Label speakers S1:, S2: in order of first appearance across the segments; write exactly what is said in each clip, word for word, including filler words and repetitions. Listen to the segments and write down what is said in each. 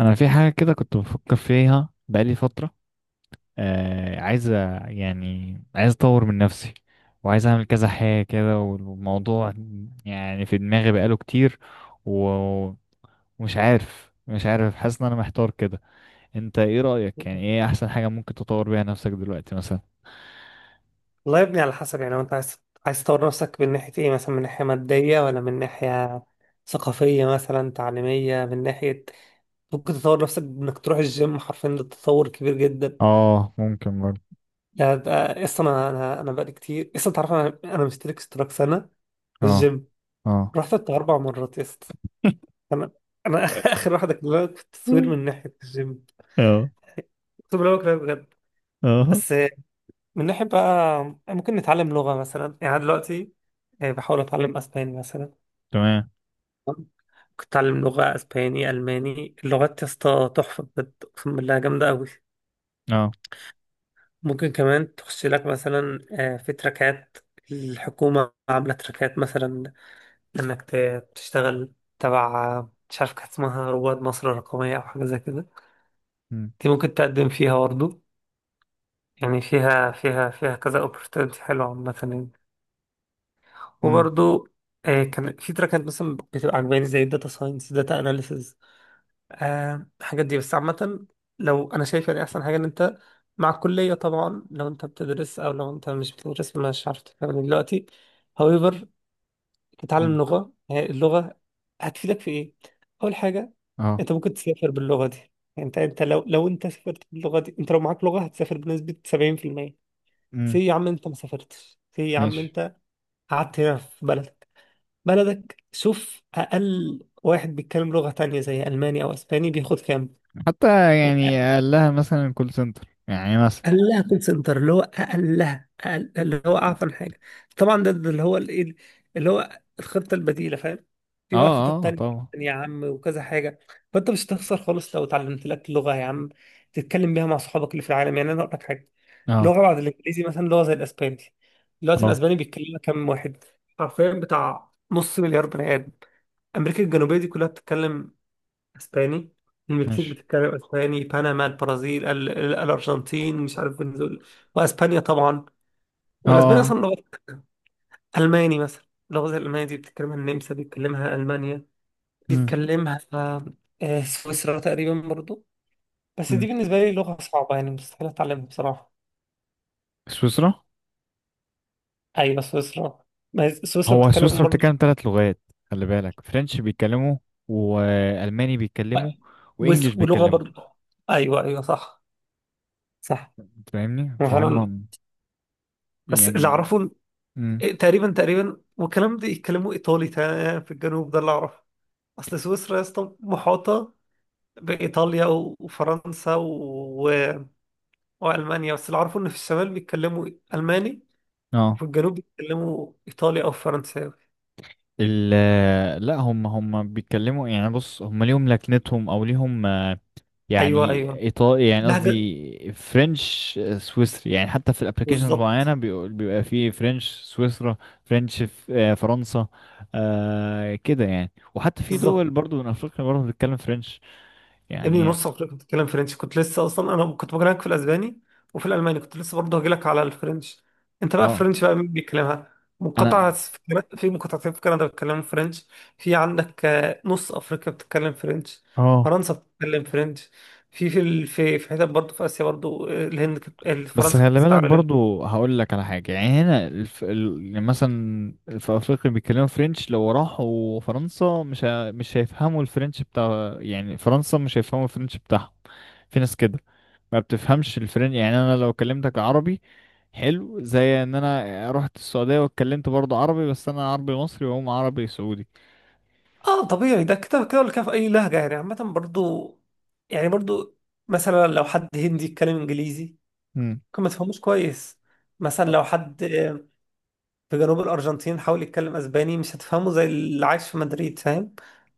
S1: انا في حاجه كده كنت بفكر فيها بقالي فتره. آه، عايز أ- يعني عايز اطور من نفسي، وعايز اعمل كذا حاجه كده. والموضوع يعني في دماغي بقاله كتير، و- ومش عارف، مش عارف حاسس ان انا محتار كده. انت ايه رايك؟ يعني ايه احسن حاجه ممكن تطور بيها نفسك دلوقتي مثلا؟
S2: والله يا ابني على حسب يعني. لو انت عايز عايز تطور نفسك من ناحية ايه؟ مثلا من ناحية مادية ولا من ناحية ثقافية مثلا تعليمية من ناحية. ممكن تطور نفسك بانك تروح الجيم، حرفيا ده تطور كبير جدا.
S1: اه ممكن برضه.
S2: يعني ده- اصلا انا انا أنا بقالي كتير اصلا، تعرف انا انا مشترك اشتراك سنه في
S1: اه.
S2: الجيم،
S1: اه.
S2: رحت بتاع اربع مرات يا اسطى. انا، انا اخر واحده كلها في التصوير من ناحيه الجيم،
S1: اه.
S2: اقسم بالله بكره بجد.
S1: اه.
S2: بس من ناحيه بقى، ممكن نتعلم لغه مثلا، يعني أنا دلوقتي آه، بحاول اتعلم اسباني مثلا.
S1: تمام.
S2: كنت اتعلم لغه اسباني، الماني. اللغات يا اسطى تحفه بجد، اقسم بالله جامده قوي.
S1: اه.
S2: ممكن كمان تخش لك مثلا آه، في تراكات، الحكومة عاملة تراكات مثلا، إنك ت- تشتغل تبع، مش عارف كانت اسمها رواد مصر الرقمية أو حاجة زي كده.
S1: امم.
S2: دي ممكن تقدم فيها برضه. يعني فيها فيها فيها كذا opportunity حلوة عامة يعني،
S1: امم.
S2: وبرضه آه، كان في تراكات مثلا بتبقى عجباني زي الداتا ساينس، داتا أناليسز، آه الحاجات دي. بس عامة لو أنا شايف يعني أحسن حاجة، إن أنت مع الكلية طبعا لو أنت بتدرس، أو لو أنت مش بتدرس مش عارف، تتكلم دلوقتي however تتعلم
S1: امم.
S2: لغة. هي اللغة هتفيدك في إيه؟ أول حاجة،
S1: اه.
S2: أنت ممكن تسافر باللغة دي. يعني أنت أنت لو لو أنت سافرت باللغة دي، أنت لو معاك لغة هتسافر بنسبة سبعين في المية.
S1: امم.
S2: سي يا عم أنت ما سافرتش، سي يا عم
S1: ماشي.
S2: أنت قعدت هنا في بلدك، بلدك. شوف أقل واحد بيتكلم لغة تانية زي ألماني أو أسباني بياخد كام.
S1: حتى يعني قال لها مثلا كول سنتر يعني مثلا.
S2: اقلها كول سنتر، اللي هو اقلها، أقل اللي هو اعفن حاجه طبعا. ده, ده اللي هو الايه، اللي هو الخطه البديله، فاهم؟
S1: اه،
S2: في بقى خطط
S1: اه،
S2: تانية
S1: طبعا.
S2: يا عم وكذا حاجه، فانت مش هتخسر خالص لو اتعلمت لك لغه يا عم، تتكلم بيها مع صحابك اللي في العالم. يعني انا اقول لك حاجه،
S1: اه،
S2: لغه بعد الانجليزي مثلا، لغه زي الاسباني. دلوقتي
S1: اه.
S2: الاسباني بيتكلمها كام واحد؟ حرفيا بتاع نص مليار بني ادم. امريكا الجنوبيه دي كلها بتتكلم اسباني، المكسيك
S1: ماشي.
S2: بتتكلم اسباني، بنما، البرازيل، ال- ال- الارجنتين، مش عارف فنزويلا، واسبانيا طبعا.
S1: اه،
S2: والاسباني
S1: اه.
S2: اصلا لغه. الماني مثلا، اللغه زي الالمانيه دي بتتكلمها النمسا، بيتكلمها المانيا،
S1: امم.
S2: بيتكلمها آه، آه، سويسرا تقريبا برضو. بس دي
S1: امم.
S2: بالنسبه لي لغه صعبه، يعني مستحيل اتعلمها بصراحه.
S1: سويسرا؟
S2: ايوه سويسرا، ما هي سويسرا
S1: هو
S2: بتتكلم
S1: سويسرا
S2: برضو.
S1: بتتكلم ثلاث لغات. خلي بالك، فرنش بيتكلموا، والماني بيتكلموا، وانجليش
S2: وس- ولغه
S1: بيتكلموا.
S2: برضو. ايوه ايوه صح. صح.
S1: أنت فاهمني
S2: هو فعلا.
S1: فهم.
S2: بس اللي
S1: يعني.
S2: اعرفه
S1: امم.
S2: إيه، تقريبا تقريبا والكلام ده يتكلموا ايطالي، تا- في الجنوب، ده اللي اعرفه. اصل سويسرا يا اسطى محاطه بايطاليا و- وفرنسا و... والمانيا. بس اللي اعرفه ان في الشمال بيتكلموا الماني،
S1: اه.
S2: وفي الجنوب بيتكلموا ايطالي او فرنساوي.
S1: ال لا، هم هم بيتكلموا يعني، بص هم ليهم لكنتهم او ليهم
S2: ايوه
S1: يعني
S2: ايوه
S1: ايطالي، يعني
S2: لهجه
S1: قصدي فرنش سويسري. يعني حتى في الابلكيشنز
S2: بالظبط.
S1: معينه بيقول- بيبقى فيه فرنش سويسرا. فرنش، ف- آه، فرنسا. آه كده يعني، وحتى في دول
S2: بالظبط.
S1: برضو من افريقيا برضو بتتكلم فرنش.
S2: يا ابني
S1: يعني.
S2: نص عمرك كنت بتتكلم فرنش كنت لسه، اصلا انا كنت بكلمك في الاسباني وفي الالماني كنت لسه، برضه هجيلك على الفرنش. انت بقى
S1: اه.
S2: فرنش بقى مين بيتكلمها؟ مقاطعة
S1: انا.
S2: في كنا- في مقاطعتين في كندا بيتكلموا فرنش. في عندك آه، نص افريقيا بتتكلم فرنش،
S1: اه.
S2: فرنسا بتتكلم فرنش. في في ال- في في حتت برضه في اسيا برضه، آه، الهند كانت- آه،
S1: بس
S2: فرنسا كانت
S1: خلي بالك
S2: بتستعملها.
S1: برضو، هقول لك على حاجه. يعني هنا الف... ال... يعني مثلا في افريقيا بيتكلموا فرنش، لو راحوا فرنسا مش ه... مش هيفهموا الفرنش بتاع يعني فرنسا، مش هيفهموا الفرنش بتاعهم. في ناس كده ما بتفهمش الفرن، يعني انا لو كلمتك عربي، حلو، زي ان انا رحت السعودية واتكلمت برضه عربي، بس انا عربي مصري وهم عربي سعودي.
S2: اه طبيعي ده، كده كده ولا كده في اي لهجة يعني. عامة برضه، يعني برضه مثلا لو حد هندي يتكلم انجليزي
S1: امم.
S2: ممكن ما تفهموش كويس. مثلا
S1: آه.
S2: لو حد في جنوب الأرجنتين حاول يتكلم أسباني، مش هتفهمه زي اللي عايش في مدريد، فاهم؟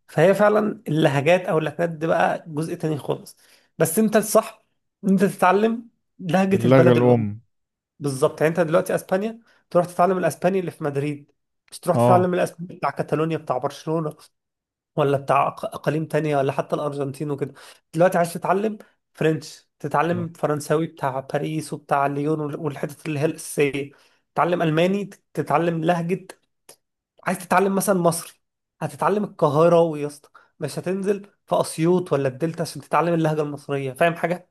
S2: فهي فعلا اللهجات، أو اللهجات دي بقى جزء تاني خالص. بس أنت الصح، إن أنت تتعلم لهجة
S1: اللغة
S2: البلد الأم.
S1: الام.
S2: بالظبط. يعني أنت دلوقتي أسبانيا، تروح تتعلم الأسباني اللي في مدريد، مش تروح
S1: اه.
S2: تتعلم الأسباني بتاع كاتالونيا، بتاع برشلونة، ولا بتاع أق- اقاليم تانية، ولا حتى الارجنتين وكده. دلوقتي عايز تتعلم فرنش،
S1: اه.
S2: تتعلم فرنساوي بتاع باريس وبتاع ليون وال- والحتت اللي هي الاساسيه. تتعلم الماني تتعلم لهجه. عايز تتعلم مثلا مصري، هتتعلم القاهرة يا اسطى، مش هتنزل في أسيوط ولا الدلتا عشان تتعلم اللهجة المصرية، فاهم حاجة؟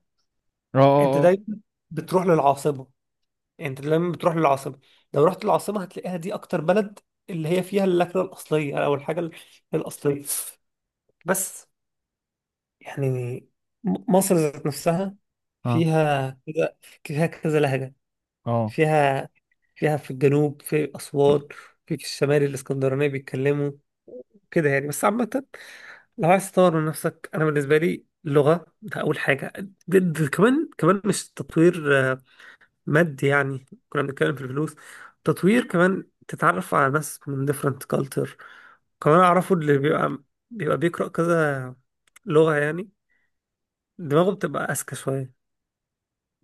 S1: اه.
S2: أنت
S1: اه.
S2: دايما بتروح للعاصمة، أنت دايما بتروح للعاصمة. لو رحت العاصمة هتلاقيها دي أكتر بلد اللي هي فيها اللكنة الأصلية، أو الحاجة ال- الأصلية. بس يعني م- مصر ذات نفسها
S1: اه.
S2: فيها كذا، فيها كذا لهجة.
S1: اه.
S2: فيها، فيها في الجنوب في أسوان، في في الشمال الإسكندرانية بيتكلموا كده يعني. بس عامة لو عايز تطور من نفسك، أنا بالنسبة لي اللغة ده أول حاجة. ده ده كمان كمان مش تطوير آه، مادي يعني، كنا بنتكلم في الفلوس. تطوير كمان تتعرف على ناس من different culture. كمان أعرفه اللي بيبقى بيبقى بيقرأ كذا لغة يعني، دماغه بتبقى أذكى شوية.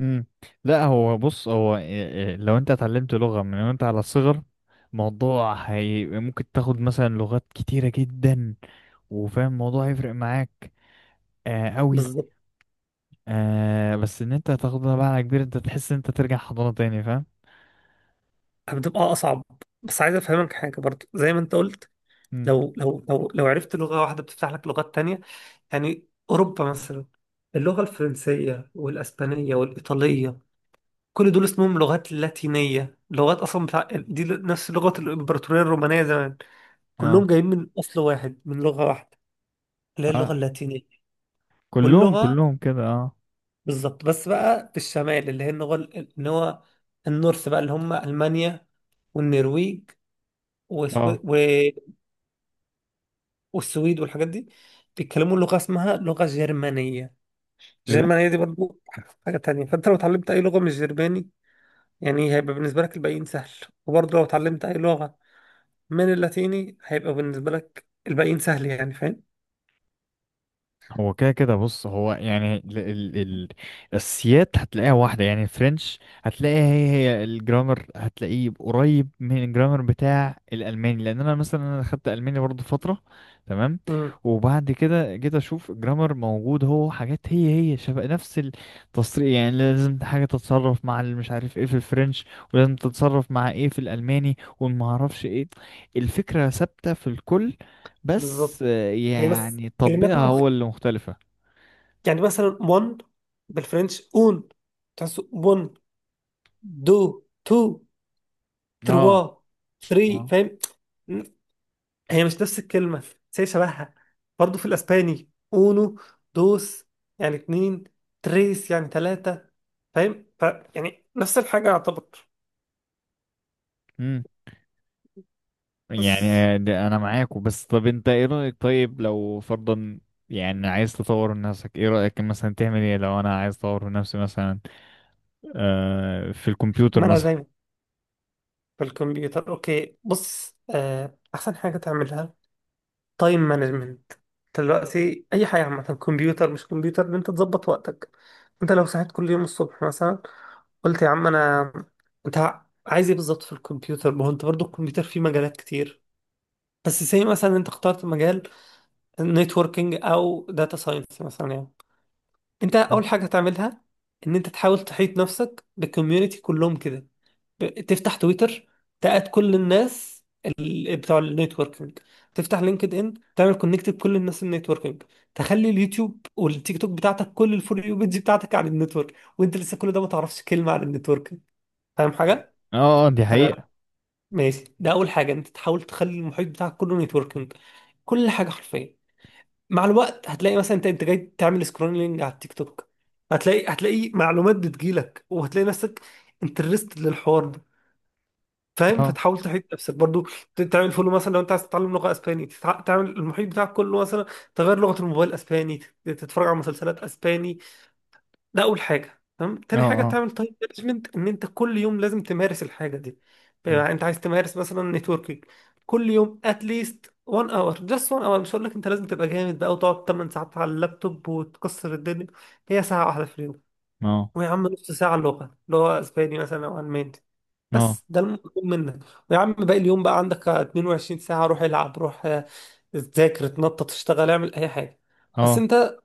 S1: امم. لا، هو بص هو، إيه- إيه، لو انت اتعلمت لغة من وانت على الصغر، موضوع هي ممكن تاخد مثلا لغات كتيرة جدا، وفاهم الموضوع هيفرق معاك آه قوي.
S2: بالظبط.
S1: آه، بس ان انت هتاخدها بقى على كبير، انت تحس ان انت ترجع حضانة تاني. فاهم؟
S2: بتبقى اصعب. بس عايز افهمك حاجه برضو زي ما انت قلت،
S1: مم.
S2: لو لو لو لو عرفت لغه واحده بتفتح لك لغات تانية. يعني اوروبا مثلا، اللغه الفرنسيه والاسبانيه والايطاليه، كل دول اسمهم لغات لاتينيه، لغات اصلا بتاع دي نفس لغه الامبراطوريه الرومانيه زمان. كلهم
S1: اه،
S2: جايين من اصل واحد، من لغه واحده اللي هي اللغه
S1: اه.
S2: اللاتينيه.
S1: كلهم
S2: واللغه
S1: كلهم كده، اه.
S2: بالظبط. بس بقى في الشمال اللي هي اللغه ال- اللي هو النورث بقى، اللي هم المانيا والنرويج، وسو...
S1: اه.
S2: والسويد والحاجات دي، بيتكلموا لغة اسمها لغة جرمانية.
S1: ايه ده؟
S2: الجرمانية دي برضو حاجة تانية. فانت لو اتعلمت اي لغة مش جرماني يعني، هيبقى بالنسبة لك الباقيين سهل. وبرضو لو اتعلمت اي لغة من اللاتيني هيبقى بالنسبة لك الباقيين سهل، يعني فاهم.
S1: هو كده كده. بص هو يعني ال ال ال السيات هتلاقيها واحدة. يعني الفرنش هتلاقيها هي هي الجرامر، هتلاقيه قريب من الجرامر بتاع الألماني. لأن أنا مثلا أنا خدت ألماني برضه فترة. تمام.
S2: امم
S1: وبعد كده جيت أشوف الجرامر موجود، هو حاجات هي هي شبه نفس التصريف. يعني لازم حاجة تتصرف مع اللي مش عارف ايه في الفرنش، ولازم تتصرف مع ايه في الألماني ومعرفش ايه. الفكرة ثابتة في الكل، بس
S2: بالظبط. هي بس
S1: يعني
S2: كلمات
S1: تطبيقها
S2: مخ.
S1: هو اللي مختلفة.
S2: يعني مثلا one بالفرنش اون، تحسه one. دو، تو،
S1: اه،
S2: تروا، ثري،
S1: اه.
S2: فاهم. هي مش نفس الكلمة بس هي شبهها. برضه في الأسباني أونو، دوس يعني اتنين، تريس يعني تلاتة، فاهم. ف يعني نفس الحاجة يعتبر.
S1: امم.
S2: بس
S1: يعني ده انا معاكوا. بس طب انت ايه رأيك؟ طيب لو فرضا يعني عايز تطور من نفسك، ايه رأيك مثلا تعمل ايه لو انا عايز اطور من نفسي مثلا، آه، في الكمبيوتر
S2: ما أنا
S1: مثلا؟
S2: زي، في الكمبيوتر أوكي. بص، آه أحسن حاجة تعملها تايم مانجمنت. دلوقتي أي حاجة عامة، كمبيوتر مش كمبيوتر، إن أنت تظبط وقتك. أنت لو صحيت كل يوم الصبح مثلا قلت يا عم، أنا، أنت عايز إيه بالظبط في الكمبيوتر؟ ما هو أنت برضه الكمبيوتر فيه مجالات كتير. بس زي مثلا انت اخترت مجال نتوركينج او داتا ساينس مثلا يعني. انت اول حاجه تعملها ان انت تحاول تحيط نفسك بالكوميونتي كلهم كده. ب- تفتح تويتر، تقعد كل الناس ال- بتوع النتوركينج. تفتح لينكد ان تعمل كونكت بكل الناس النتوركينج. تخلي اليوتيوب والتيك توك بتاعتك، كل الفور يو بيج بتاعتك عن النتورك، وانت لسه كل ده ما تعرفش كلمه عن النتوركينج. فاهم حاجه؟
S1: اه، اه، دي
S2: تمام
S1: حقيقة.
S2: ماشي. ده اول حاجه، انت تحاول تخلي المحيط بتاعك كله نتوركينج، كل حاجه حرفيا. مع الوقت هتلاقي مثلا انت انت جاي تعمل سكرولينج على التيك توك، هتلاقي هتلاقي معلومات بتجيلك، وهتلاقي نفسك انترستد للحوار ده، فاهم؟
S1: اه،
S2: فتحاول تحيط نفسك برضو، ت- تعمل فولو مثلا. لو انت عايز تتعلم لغه اسباني، تتع- تعمل المحيط بتاعك كله مثلا، تغير لغه الموبايل اسباني، تت- تتفرج على مسلسلات اسباني. ده اول حاجه تمام.
S1: اه،
S2: تاني حاجه،
S1: اه.
S2: تعمل تايم مانجمنت، ان انت كل يوم لازم تمارس الحاجه دي.
S1: مم.
S2: بقى انت عايز تمارس مثلا نتوركينج، كل يوم اتليست وان اور، جاست وان اور. مش هقول لك انت لازم تبقى جامد بقى وتقعد ثماني ساعات على اللابتوب وتكسر الدنيا، هي ساعه واحده في اليوم.
S1: اه،
S2: ويا عم نص ساعه اللغه اللي هو اسباني مثلا او الماني،
S1: اه،
S2: بس ده المطلوب منك. ويا عم باقي اليوم بقى عندك اتنين وعشرين ساعه، روح العب، روح آه، ذاكر، اتنطط، اشتغل، اعمل اي حاجه. بس
S1: اه.
S2: انت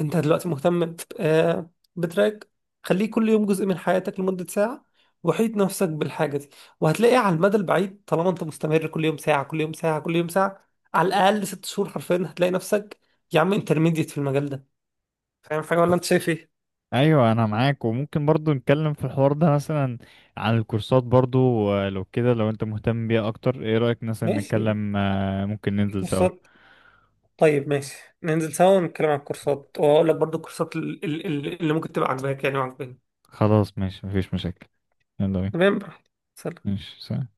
S2: انت دلوقتي مهتم ب- آه، بتراك، خليه كل يوم جزء من حياتك لمدة ساعة. وحيد نفسك بالحاجة دي، وهتلاقي على المدى البعيد طالما انت مستمر كل يوم ساعة، كل يوم ساعة، كل يوم ساعة، على الأقل ست شهور حرفيا، هتلاقي نفسك يا عم انترميديت في المجال ده. فاهم حاجة ولا انت شايف ايه؟
S1: ايوه انا معاك. وممكن برضو نتكلم في الحوار ده مثلا عن الكورسات برضو. آه، لو كده لو انت مهتم بيها اكتر، ايه رأيك مثلا
S2: ماشي.
S1: نتكلم، آه، ممكن
S2: في
S1: ننزل سوا.
S2: كورسات، طيب ماشي، ننزل سوا ونتكلم عن الكورسات، وأقول لك برضو الكورسات ال- ال- ال- اللي ممكن تبقى عاجباك يعني وعاجباني.
S1: خلاص ماشي، مفيش مشاكل. يلا بينا.
S2: تمام براحتك. سلام.
S1: ماشي، سلام.